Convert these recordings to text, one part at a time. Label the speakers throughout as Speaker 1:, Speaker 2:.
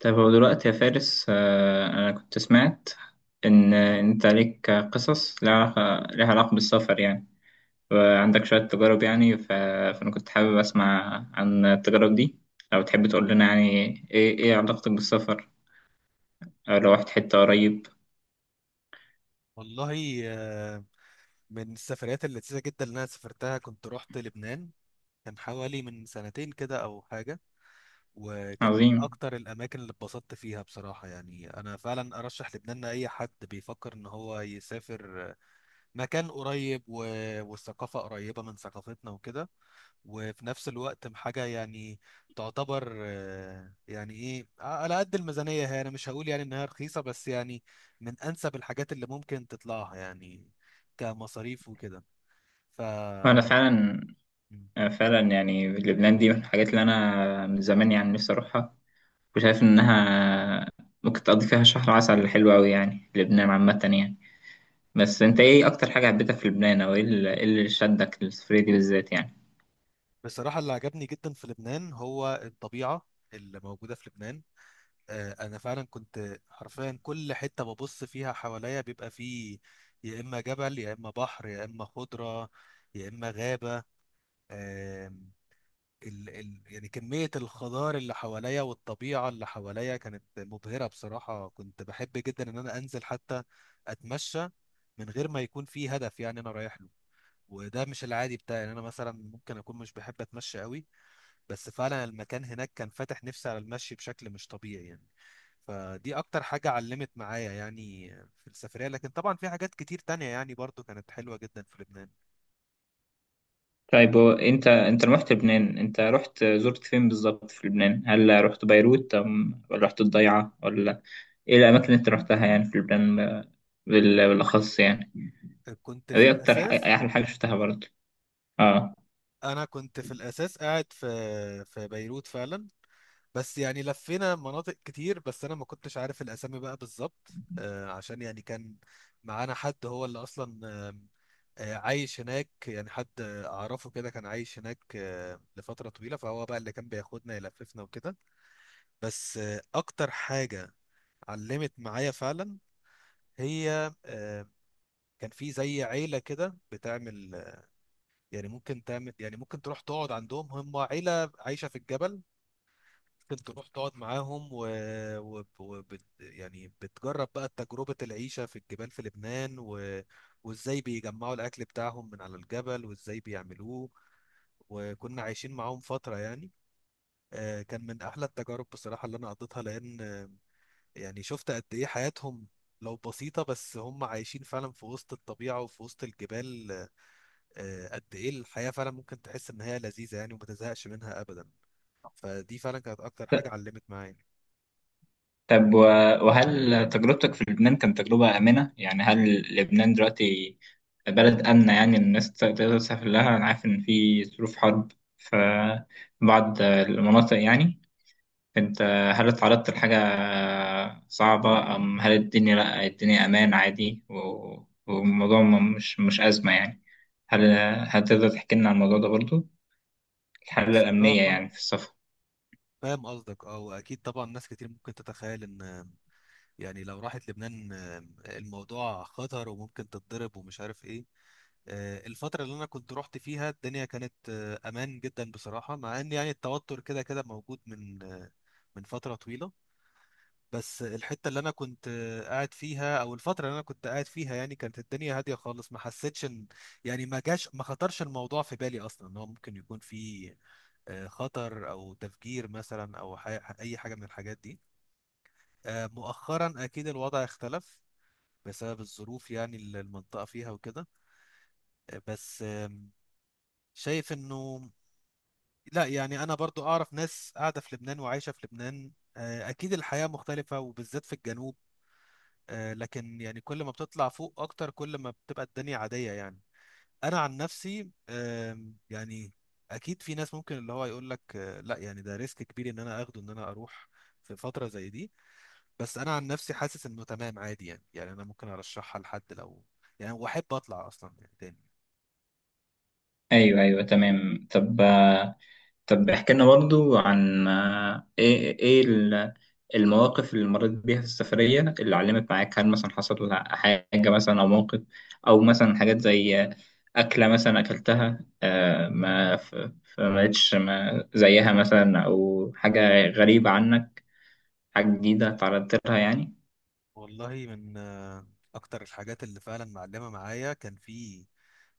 Speaker 1: طيب هو دلوقتي يا فارس أنا كنت سمعت إن أنت عليك قصص لها علاقة لها علاقة بالسفر يعني وعندك شوية تجارب يعني فأنا كنت حابب أسمع عن التجارب دي لو تحب تقول لنا يعني إيه علاقتك بالسفر أو لو رحت حتة قريب.
Speaker 2: والله من السفريات اللذيذة جدا اللي أنا سافرتها كنت رحت لبنان. كان حوالي من سنتين كده أو حاجة، وكان من
Speaker 1: عظيم.
Speaker 2: أكتر الأماكن اللي اتبسطت فيها بصراحة. يعني أنا فعلا أرشح لبنان لأي حد بيفكر إن هو يسافر مكان قريب والثقافة قريبة من ثقافتنا وكده، وفي نفس الوقت حاجة يعني تعتبر يعني ايه على قد الميزانية. هي انا مش هقول يعني انها رخيصة، بس يعني من انسب الحاجات اللي ممكن تطلعها يعني كمصاريف وكده. ف
Speaker 1: وأنا فعلا يعني لبنان دي من الحاجات اللي أنا من زمان يعني نفسي أروحها، وشايف إنها ممكن تقضي فيها شهر عسل حلو أوي يعني لبنان عامة يعني. بس انت ايه اكتر حاجة حبيتها في لبنان او ايه إيه اللي شدك للسفرية دي بالذات يعني؟
Speaker 2: بصراحة اللي عجبني جدا في لبنان هو الطبيعة اللي موجودة في لبنان. انا فعلا كنت حرفيا كل حتة ببص فيها حواليا بيبقى فيه يا اما جبل يا اما بحر يا اما خضرة يا اما غابة. آم، ال ال يعني كمية الخضار اللي حواليا والطبيعة اللي حواليا كانت مبهرة بصراحة. كنت بحب جدا إن أنا أنزل حتى أتمشى من غير ما يكون في هدف يعني أنا رايح له. وده مش العادي بتاعي، يعني أنا مثلا ممكن أكون مش بحب أتمشى قوي، بس فعلا المكان هناك كان فاتح نفسي على المشي بشكل مش طبيعي يعني. فدي أكتر حاجة علمت معايا يعني في السفرية، لكن طبعا في حاجات كتير تانية يعني برضو كانت حلوة جدا في لبنان.
Speaker 1: طيب هو انت لما رحت لبنان انت رحت زرت فين بالظبط في لبنان؟ هل رحت بيروت ولا رحت الضيعة ولا ايه الاماكن اللي انت رحتها يعني في لبنان بالاخص يعني؟
Speaker 2: كنت في الأساس
Speaker 1: ايه احلى حاجة شفتها برضه؟ اه.
Speaker 2: انا كنت في الاساس قاعد في بيروت فعلا، بس يعني لفينا مناطق كتير، بس انا ما كنتش عارف الاسامي بقى بالظبط عشان يعني كان معانا حد هو اللي اصلا آم، عايش هناك. يعني حد اعرفه كده كان عايش هناك لفترة طويلة، فهو بقى اللي كان بياخدنا يلففنا وكده. بس اكتر حاجة علمت معايا فعلا هي كان في زي عيلة كده بتعمل، يعني ممكن تعمل، يعني ممكن تروح تقعد عندهم. هم عيلة عايشة في الجبل، ممكن تروح تقعد معاهم يعني بتجرب بقى تجربة العيشة في الجبال في لبنان وازاي بيجمعوا الأكل بتاعهم من على الجبل وازاي بيعملوه، وكنا عايشين معاهم فترة يعني. كان من أحلى التجارب بصراحة اللي أنا قضيتها، لأن يعني شفت قد إيه حياتهم لو بسيطة، بس هم عايشين فعلا في وسط الطبيعة وفي وسط الجبال. قد إيه الحياة فعلا ممكن تحس إن هي لذيذة يعني، وما تزهقش منها أبدا. فدي فعلا كانت أكتر حاجة علمت معايا.
Speaker 1: طب وهل تجربتك في لبنان كانت تجربة آمنة؟ يعني هل لبنان دلوقتي بلد آمنة يعني الناس تقدر تسافر لها؟ أنا عارف إن في ظروف حرب في بعض المناطق يعني. أنت هل اتعرضت لحاجة صعبة؟ أم هل الدنيا، لأ الدنيا أمان عادي، والموضوع مش أزمة يعني؟ هل هتقدر تحكي لنا عن الموضوع ده برضو؟ الحالة الأمنية
Speaker 2: صراحة
Speaker 1: يعني في السفر.
Speaker 2: فاهم قصدك، اه واكيد طبعا ناس كتير ممكن تتخيل ان يعني لو راحت لبنان الموضوع خطر وممكن تتضرب ومش عارف ايه. الفترة اللي انا كنت رحت فيها الدنيا كانت امان جدا بصراحة، مع ان يعني التوتر كده كده موجود من فترة طويلة. بس الحتة اللي انا كنت قاعد فيها او الفترة اللي انا كنت قاعد فيها يعني كانت الدنيا هادية خالص. ما حسيتش ان يعني ما جاش ما خطرش الموضوع في بالي اصلا ان هو ممكن يكون فيه خطر او تفجير مثلا او اي حاجه من الحاجات دي. مؤخرا اكيد الوضع اختلف بسبب الظروف يعني اللي المنطقه فيها وكده. بس شايف انه لا، يعني انا برضو اعرف ناس قاعده في لبنان وعايشه في لبنان. اكيد الحياه مختلفه وبالذات في الجنوب، لكن يعني كل ما بتطلع فوق اكتر كل ما بتبقى الدنيا عاديه يعني. انا عن نفسي يعني اكيد في ناس ممكن اللي هو يقول لك لا، يعني ده ريسك كبير ان انا اخده ان انا اروح في فترة زي دي. بس انا عن نفسي حاسس انه تمام عادي يعني، يعني انا ممكن ارشحها لحد لو يعني واحب اطلع اصلا يعني تاني.
Speaker 1: أيوه أيوه تمام. طب طب احكي لنا برضو عن ايه المواقف اللي مريت بيها في السفرية اللي علمت معاك. هل مثلا حصل حاجة مثلا أو موقف أو مثلا حاجات زي أكلة مثلا أكلتها، ما فما لقيتش ما زيها مثلا، أو حاجة غريبة عنك، حاجة جديدة تعرضت لها يعني؟
Speaker 2: والله من اكتر الحاجات اللي فعلا معلمه معايا كان في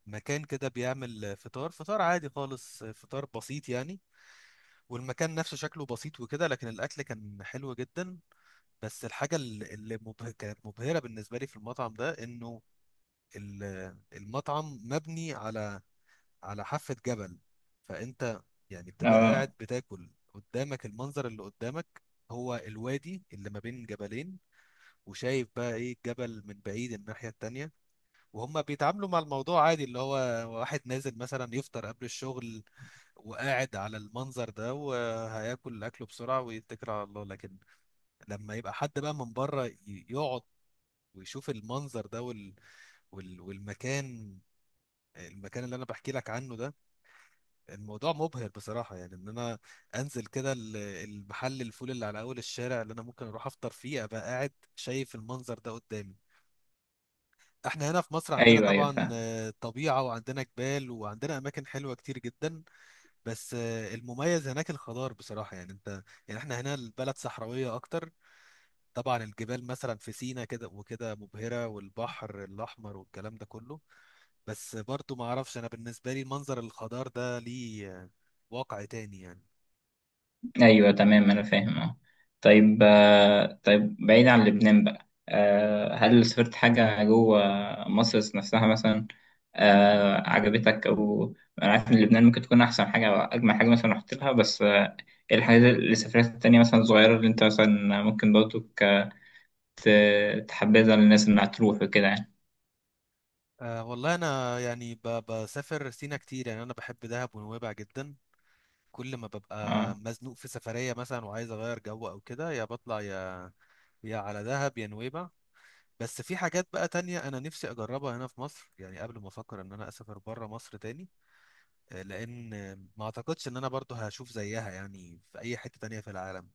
Speaker 2: مكان كده بيعمل فطار، فطار عادي خالص فطار بسيط يعني، والمكان نفسه شكله بسيط وكده، لكن الاكل كان حلو جدا. بس الحاجه اللي كانت مبهره بالنسبه لي في المطعم ده انه المطعم مبني على حافة جبل. فأنت يعني بتبقى قاعد
Speaker 1: آه،
Speaker 2: بتاكل، قدامك المنظر اللي قدامك هو الوادي اللي ما بين جبلين، وشايف بقى ايه الجبل من بعيد الناحية التانية. وهم بيتعاملوا مع الموضوع عادي، اللي هو واحد نازل مثلا يفطر قبل الشغل وقاعد على المنظر ده، وهياكل أكله بسرعة ويتكل على الله. لكن لما يبقى حد بقى من بره يقعد ويشوف المنظر ده وال... وال... والمكان المكان اللي أنا بحكي لك عنه ده، الموضوع مبهر بصراحة. يعني ان انا انزل كده المحل الفول اللي على اول الشارع اللي انا ممكن اروح افطر فيه، ابقى قاعد شايف المنظر ده قدامي. احنا هنا في مصر عندنا
Speaker 1: أيوه أيوه
Speaker 2: طبعا
Speaker 1: فاهم.
Speaker 2: طبيعة وعندنا جبال وعندنا اماكن حلوة كتير جدا، بس المميز هناك الخضار بصراحة. يعني انت يعني احنا هنا البلد صحراوية اكتر، طبعا الجبال مثلا في سينا كده وكده مبهرة والبحر الاحمر والكلام ده كله، بس برضو ما اعرفش انا بالنسبة لي منظر الخضار ده ليه واقع تاني يعني.
Speaker 1: ايوه تمام انا فاهم. اه. طيب طيب بعيد عن لبنان بقى، هل سافرت حاجة جوه مصر نفسها مثلا عجبتك؟ او انا عارف ان لبنان ممكن تكون احسن حاجة او اجمل حاجة مثلا رحت لها، بس ايه الحاجات اللي سافرت التانية مثلا صغيرة اللي انت مثلا ممكن برضو تحبذها للناس انها تروح وكده يعني؟
Speaker 2: أه والله أنا يعني بسافر سينا كتير، يعني أنا بحب دهب ونويبع جدا. كل ما ببقى
Speaker 1: اه.
Speaker 2: مزنوق في سفرية مثلا وعايز أغير جو أو كده، يا بطلع يا على دهب يا نويبع. بس في حاجات بقى تانية أنا نفسي أجربها هنا في مصر، يعني قبل ما أفكر إن أنا أسافر بره مصر تاني. لأن ما أعتقدش إن أنا برضو هشوف زيها يعني في أي حتة تانية في العالم،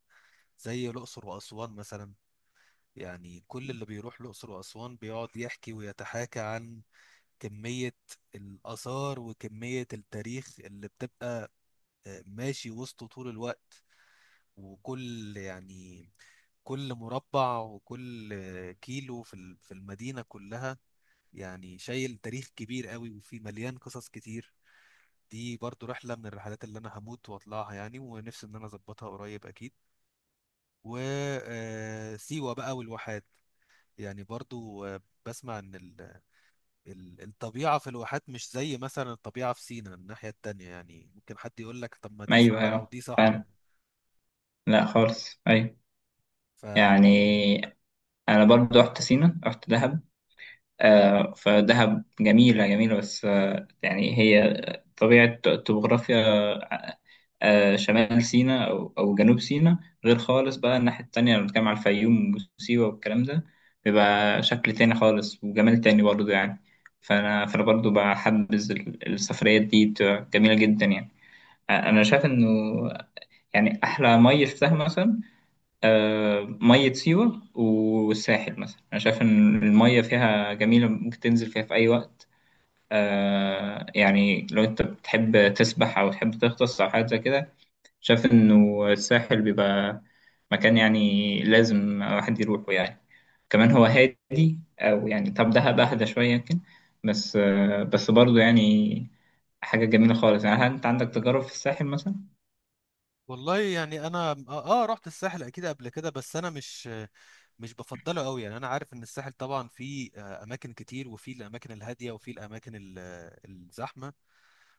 Speaker 2: زي الأقصر وأسوان مثلا. يعني كل اللي بيروح الأقصر وأسوان بيقعد يحكي ويتحاكى عن كمية الآثار وكمية التاريخ اللي بتبقى ماشي وسطه طول الوقت، وكل يعني كل مربع وكل كيلو في في المدينة كلها يعني شايل تاريخ كبير قوي وفي مليان قصص كتير. دي برضو رحلة من الرحلات اللي أنا هموت وأطلعها يعني، ونفسي إن أنا أظبطها قريب أكيد. وسيوة بقى والواحات، يعني برضو بسمع إن الطبيعة في الواحات مش زي مثلا الطبيعة في سيناء الناحية التانية، يعني ممكن حد يقول لك طب ما دي
Speaker 1: ايوه
Speaker 2: صحراء
Speaker 1: ايوه
Speaker 2: ودي صحراء.
Speaker 1: فعلا. لا خالص، ايوه.
Speaker 2: ف
Speaker 1: يعني انا برضو رحت سينا، رحت دهب، فدهب جميلة جميلة، بس يعني هي طبيعة توبوغرافيا شمال سيناء أو جنوب سيناء غير خالص بقى. الناحية التانية لما بنتكلم على الفيوم وسيوة والكلام ده بيبقى شكل تاني خالص وجمال تاني برضه يعني. فأنا برضه بحبذ السفريات دي بتبقى جميلة جدا يعني. أنا شايف إنه يعني أحلى مية شفتها مثلا مية سيوة والساحل. مثلا أنا شايف إن المية فيها جميلة ممكن تنزل فيها في أي وقت. آه يعني لو انت بتحب تسبح او تحب تغطس او حاجه زي كده، شايف انه الساحل بيبقى مكان يعني لازم واحد يروحه يعني. كمان هو هادي، او يعني طب دهب اهدى شويه يمكن، بس آه بس برضه يعني حاجه جميله خالص يعني. هل انت عندك تجارب في الساحل مثلا؟
Speaker 2: والله يعني انا اه رحت الساحل اكيد قبل كده، بس انا مش بفضله قوي. يعني انا عارف ان الساحل طبعا فيه اماكن كتير وفيه الاماكن الهاديه وفيه الاماكن الزحمه،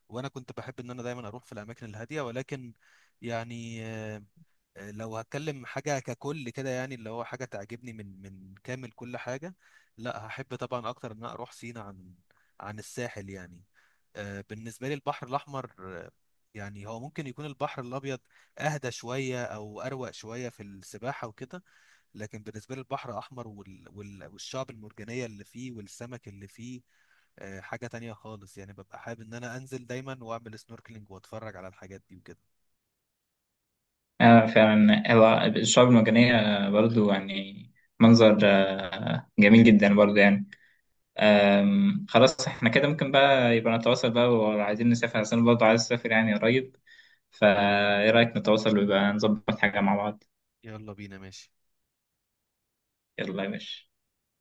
Speaker 2: وانا كنت بحب ان انا دايما اروح في الاماكن الهاديه، ولكن يعني لو هتكلم حاجة ككل كده، يعني اللي هو حاجة تعجبني من كامل كل حاجة، لا هحب طبعا أكتر إن أنا أروح سينا عن الساحل يعني. بالنسبة لي البحر الأحمر يعني هو ممكن يكون البحر الأبيض أهدى شوية أو أروق شوية في السباحة وكده، لكن بالنسبة لي البحر الأحمر والشعب المرجانية اللي فيه والسمك اللي فيه حاجة تانية خالص يعني، ببقى حابب إن أنا أنزل دايما وأعمل سنوركلينج وأتفرج على الحاجات دي وكده.
Speaker 1: آه فعلا هو الشعاب المرجانيه برضه يعني منظر آه جميل جدا برضه يعني. خلاص احنا كده ممكن بقى يبقى نتواصل بقى، وعايزين نسافر عشان برضه عايز اسافر يعني قريب. فايه رأيك نتواصل ويبقى نظبط حاجة مع بعض؟
Speaker 2: يلا بينا ماشي
Speaker 1: يلا يا باشا.